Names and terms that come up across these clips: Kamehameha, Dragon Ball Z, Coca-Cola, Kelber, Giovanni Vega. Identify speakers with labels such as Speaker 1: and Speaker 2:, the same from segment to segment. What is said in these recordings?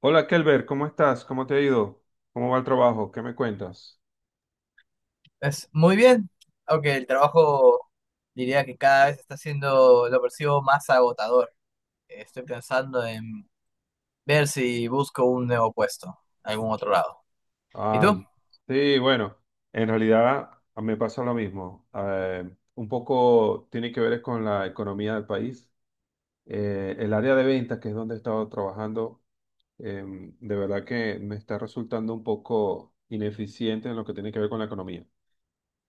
Speaker 1: Hola Kelber, ¿cómo estás? ¿Cómo te ha ido? ¿Cómo va el trabajo? ¿Qué me cuentas?
Speaker 2: Es muy bien, aunque el trabajo diría que cada vez está siendo, lo percibo más agotador. Estoy pensando en ver si busco un nuevo puesto, algún otro lado. ¿Y tú?
Speaker 1: Ay, sí, bueno, en realidad me pasa lo mismo. Un poco tiene que ver es con la economía del país. El área de ventas, que es donde he estado trabajando, de verdad que me está resultando un poco ineficiente en lo que tiene que ver con la economía,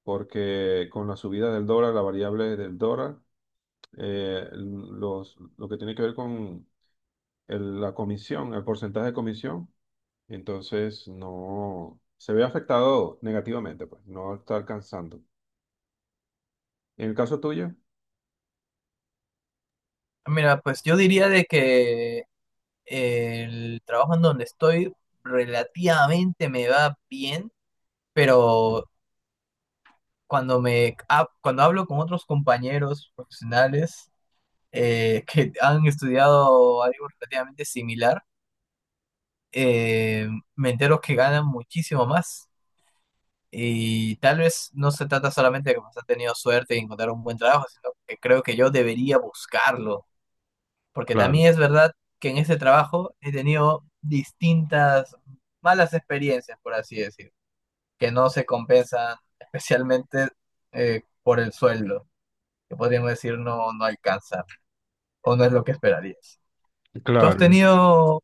Speaker 1: porque con la subida del dólar, la variable del dólar, lo que tiene que ver con la comisión, el porcentaje de comisión. Entonces, no se ve afectado negativamente, pues no está alcanzando. En el caso tuyo,
Speaker 2: Mira, pues yo diría de que el trabajo en donde estoy relativamente me va bien, pero cuando cuando hablo con otros compañeros profesionales que han estudiado algo relativamente similar eh, me entero que ganan muchísimo más. Y tal vez no se trata solamente de que has tenido suerte y encontrar un buen trabajo, sino que creo que yo debería buscarlo. Porque
Speaker 1: claro,
Speaker 2: también es verdad que en ese trabajo he tenido distintas malas experiencias, por así decir, que no se compensan especialmente por el sueldo, que podríamos decir no, no alcanza o no es lo que esperarías. ¿Tú has
Speaker 1: claro.
Speaker 2: tenido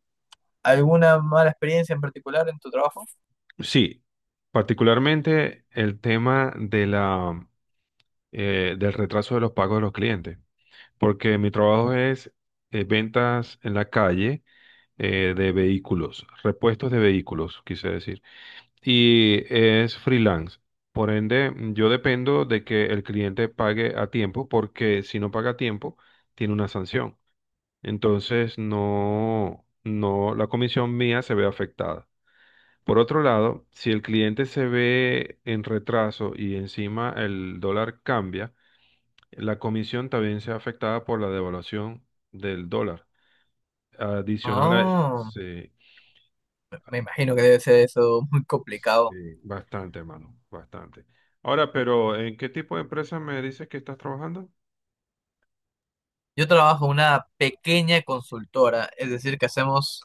Speaker 2: alguna mala experiencia en particular en tu trabajo?
Speaker 1: Sí, particularmente el tema de la, del retraso de los pagos de los clientes, porque mi trabajo es ventas en la calle, de vehículos, repuestos de vehículos, quise decir. Y es freelance. Por ende, yo dependo de que el cliente pague a tiempo, porque si no paga a tiempo, tiene una sanción. Entonces, no, no, la comisión mía se ve afectada. Por otro lado, si el cliente se ve en retraso y encima el dólar cambia, la comisión también se ve afectada por la devaluación del dólar. Adicional a eso,
Speaker 2: Ah.
Speaker 1: sí.
Speaker 2: Me imagino que debe ser eso muy complicado.
Speaker 1: Sí, bastante, mano, bastante. Ahora, pero ¿en qué tipo de empresa me dices que estás trabajando?
Speaker 2: Yo trabajo en una pequeña consultora, es decir, que hacemos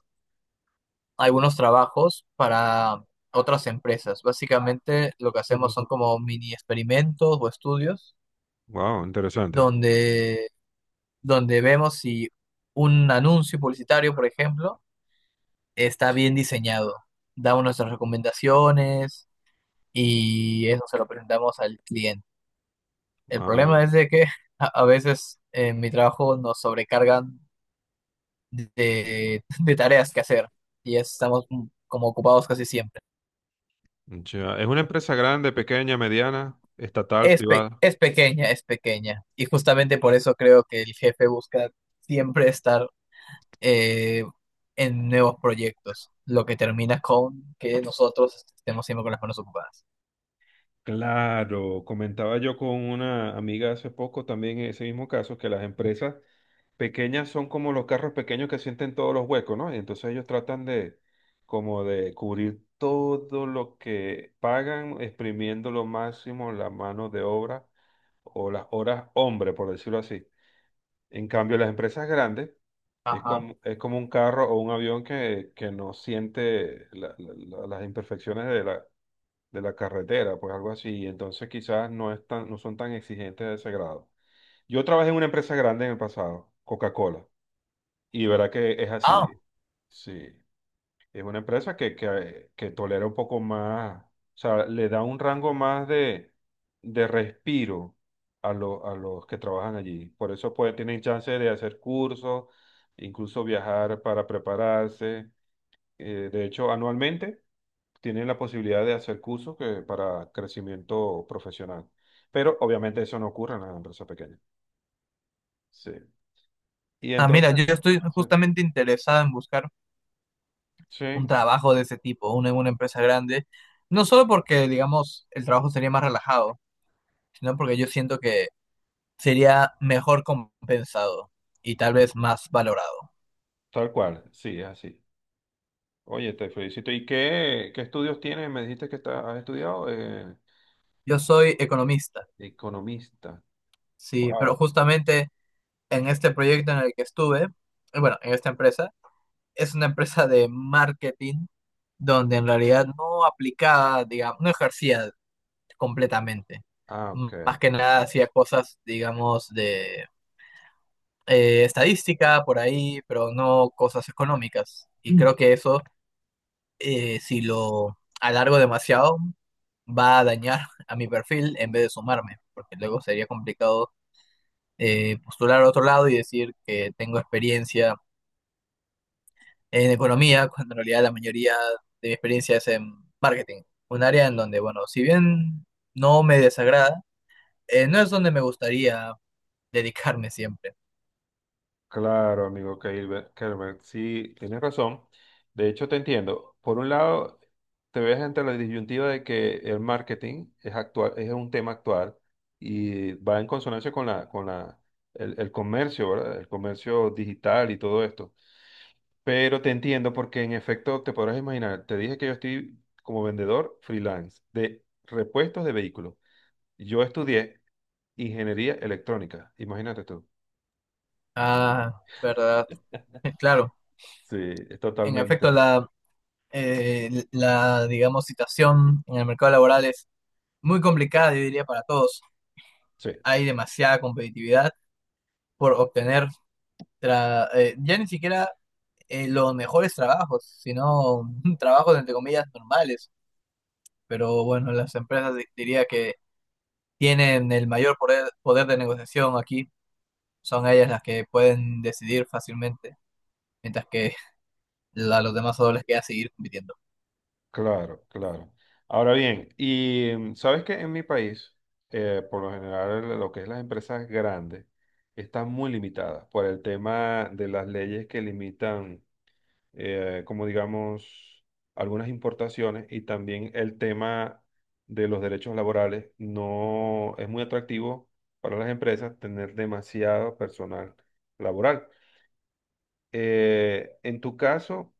Speaker 2: algunos trabajos para otras empresas. Básicamente lo que hacemos son como mini experimentos o estudios
Speaker 1: Wow, interesante.
Speaker 2: donde, donde vemos si un anuncio publicitario, por ejemplo, está bien diseñado. Damos nuestras recomendaciones y eso se lo presentamos al cliente. El
Speaker 1: Ah,
Speaker 2: problema es de que a veces en mi trabajo nos sobrecargan de tareas que hacer y estamos como ocupados casi siempre.
Speaker 1: ya. ¿Es una empresa grande, pequeña, mediana, estatal,
Speaker 2: Es,
Speaker 1: privada?
Speaker 2: es pequeña, es pequeña. Y justamente por eso creo que el jefe busca siempre estar eh, en nuevos proyectos, lo que termina con que nosotros estemos siempre con las manos ocupadas.
Speaker 1: Claro, comentaba yo con una amiga hace poco también en ese mismo caso, que las empresas pequeñas son como los carros pequeños que sienten todos los huecos, ¿no? Y entonces ellos tratan de como de cubrir todo lo que pagan, exprimiendo lo máximo la mano de obra o las horas hombre, por decirlo así. En cambio, las empresas grandes
Speaker 2: Ajá.
Speaker 1: es como un carro o un avión que no siente las imperfecciones de la carretera, pues algo así. Entonces quizás no, no son tan exigentes de ese grado. Yo trabajé en una empresa grande en el pasado, Coca-Cola, y verá que es así.
Speaker 2: Ah,
Speaker 1: Sí. Es una empresa que tolera un poco más, o sea, le da un rango más de respiro a los que trabajan allí. Por eso pueden, tienen chance de hacer cursos, incluso viajar para prepararse. De hecho, anualmente tienen la posibilidad de hacer cursos que, para crecimiento profesional. Pero obviamente eso no ocurre en las empresas pequeñas. Sí. Y
Speaker 2: ah, mira,
Speaker 1: entonces,
Speaker 2: yo estoy
Speaker 1: ah, sí,
Speaker 2: justamente interesado en buscar un
Speaker 1: sí,
Speaker 2: trabajo de ese tipo, una en una empresa grande, no solo porque, digamos, el trabajo sería más relajado, sino porque yo siento que sería mejor compensado y tal vez más valorado.
Speaker 1: tal cual, sí, es así. Oye, te felicito. ¿Y qué, qué estudios tienes? Me dijiste que has estudiado,
Speaker 2: Yo soy economista,
Speaker 1: economista.
Speaker 2: sí, pero
Speaker 1: Wow.
Speaker 2: justamente en este proyecto en el que estuve, bueno, en esta empresa, es una empresa de marketing donde en realidad no aplicaba, digamos, no ejercía completamente.
Speaker 1: Ah, ok.
Speaker 2: Más que nada hacía cosas, digamos, de estadística por ahí, pero no cosas económicas. Y creo que eso, si lo alargo demasiado, va a dañar a mi perfil en vez de sumarme, porque luego sería complicado postular a otro lado y decir que tengo experiencia en economía, cuando en realidad la mayoría de mi experiencia es en marketing, un área en donde, bueno, si bien no me desagrada, no es donde me gustaría dedicarme siempre.
Speaker 1: Claro, amigo Kelber, Kelber, sí, tienes razón. De hecho, te entiendo. Por un lado, te ves ante la disyuntiva de que el marketing es actual, es un tema actual y va en consonancia con la, el comercio, ¿verdad? El comercio digital y todo esto. Pero te entiendo porque en efecto te podrás imaginar, te dije que yo estoy como vendedor freelance de repuestos de vehículos. Yo estudié ingeniería electrónica, imagínate tú.
Speaker 2: Ah, verdad, claro,
Speaker 1: Sí, es
Speaker 2: en efecto
Speaker 1: totalmente.
Speaker 2: la, digamos, situación en el mercado laboral es muy complicada, yo diría, para todos.
Speaker 1: Sí.
Speaker 2: Hay demasiada competitividad por obtener ya ni siquiera los mejores trabajos, sino trabajos entre comillas normales. Pero bueno, las empresas diría que tienen el mayor poder de negociación aquí, son ellas las que pueden decidir fácilmente, mientras que a los demás solo les queda seguir compitiendo.
Speaker 1: Claro, claro. Ahora bien, y sabes que en mi país, por lo general, lo que es las empresas grandes están muy limitadas por el tema de las leyes que limitan, como digamos, algunas importaciones y también el tema de los derechos laborales. No es muy atractivo para las empresas tener demasiado personal laboral. En tu caso,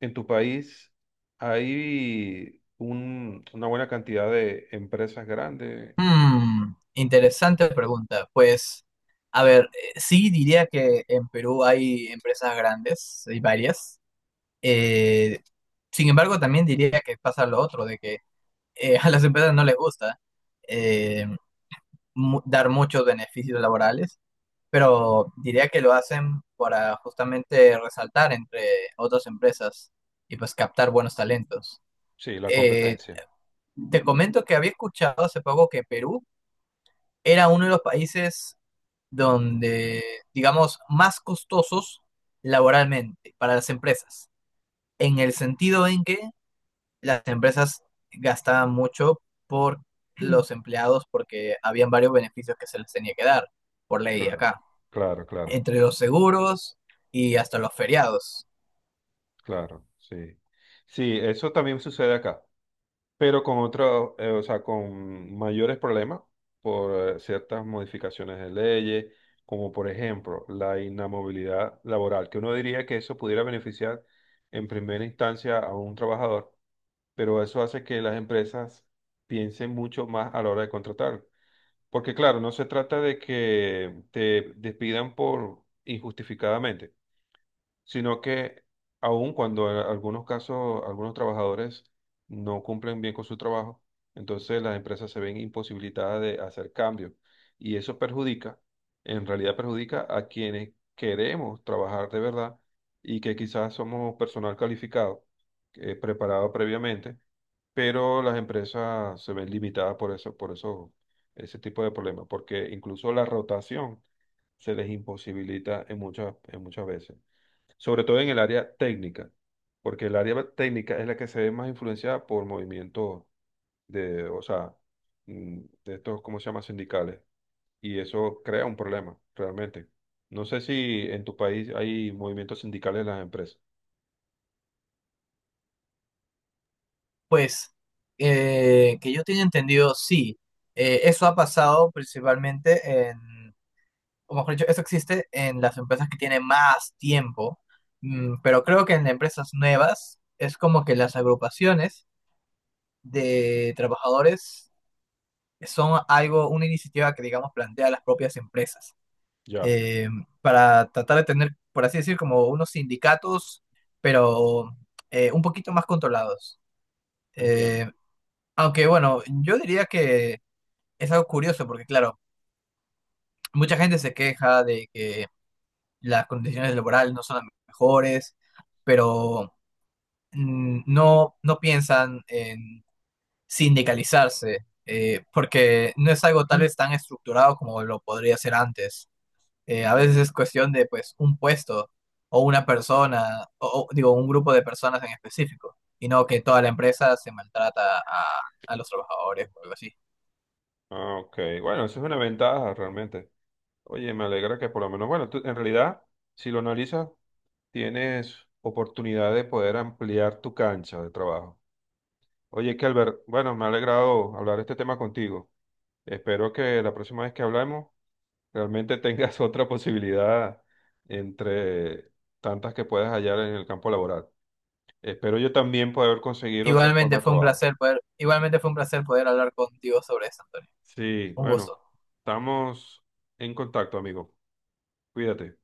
Speaker 1: en tu país hay una buena cantidad de empresas grandes.
Speaker 2: Hmm, interesante pregunta. Pues, a ver, sí diría que en Perú hay empresas grandes, hay varias. Eh, sin embargo, también diría que pasa lo otro, de que a las empresas no les gusta eh, dar muchos beneficios laborales, pero diría que lo hacen para justamente resaltar entre otras empresas y pues captar buenos talentos.
Speaker 1: Sí, la
Speaker 2: Eh,
Speaker 1: competencia.
Speaker 2: te comento que había escuchado hace poco que Perú era uno de los países donde, digamos, más costosos laboralmente para las empresas, en el sentido en que las empresas gastaban mucho por los empleados porque habían varios beneficios que se les tenía que dar por ley
Speaker 1: Claro,
Speaker 2: acá,
Speaker 1: claro, claro,
Speaker 2: entre los seguros y hasta los feriados.
Speaker 1: claro, sí. Sí, eso también sucede acá, pero con otro, o sea, con mayores problemas por, ciertas modificaciones de leyes, como por ejemplo la inamovilidad laboral, que uno diría que eso pudiera beneficiar en primera instancia a un trabajador, pero eso hace que las empresas piensen mucho más a la hora de contratar. Porque claro, no se trata de que te despidan por injustificadamente, sino que aun cuando en algunos casos algunos trabajadores no cumplen bien con su trabajo, entonces las empresas se ven imposibilitadas de hacer cambios y eso perjudica, en realidad perjudica a quienes queremos trabajar de verdad y que quizás somos personal calificado, preparado previamente, pero las empresas se ven limitadas por eso, ese tipo de problemas, porque incluso la rotación se les imposibilita en en muchas veces, sobre todo en el área técnica, porque el área técnica es la que se ve más influenciada por movimientos de, o sea, mm, de estos, ¿cómo se llama? Sindicales, y eso crea un problema, realmente. No sé si en tu país hay movimientos sindicales en las empresas.
Speaker 2: Pues, que yo tenía entendido, sí, eso ha pasado principalmente en, o mejor dicho, eso existe en las empresas que tienen más tiempo, pero creo que en empresas nuevas es como que las agrupaciones de trabajadores son algo, una iniciativa que, digamos, plantea las propias empresas
Speaker 1: Ya,
Speaker 2: eh, para tratar de tener, por así decir, como unos sindicatos, pero un poquito más controlados.
Speaker 1: entiendo.
Speaker 2: Eh, aunque, bueno, yo diría que es algo curioso porque, claro, mucha gente se queja de que las condiciones laborales no son las mejores, pero no, no piensan en sindicalizarse. Porque no es algo tal vez tan estructurado como lo podría ser antes. A veces es cuestión de pues un puesto o una persona, digo, un grupo de personas en específico, y no que toda la empresa se maltrata a los trabajadores o algo así.
Speaker 1: Ah, ok. Bueno, eso es una ventaja realmente. Oye, me alegra que por lo menos, bueno, en realidad, si lo analizas, tienes oportunidad de poder ampliar tu cancha de trabajo. Oye, Kelber, bueno, me ha alegrado hablar este tema contigo. Espero que la próxima vez que hablemos realmente tengas otra posibilidad entre tantas que puedas hallar en el campo laboral. Espero yo también poder conseguir otra forma de trabajo.
Speaker 2: Igualmente fue un placer poder hablar contigo sobre esto, Antonio.
Speaker 1: Sí,
Speaker 2: Un
Speaker 1: bueno,
Speaker 2: gusto.
Speaker 1: estamos en contacto, amigo. Cuídate.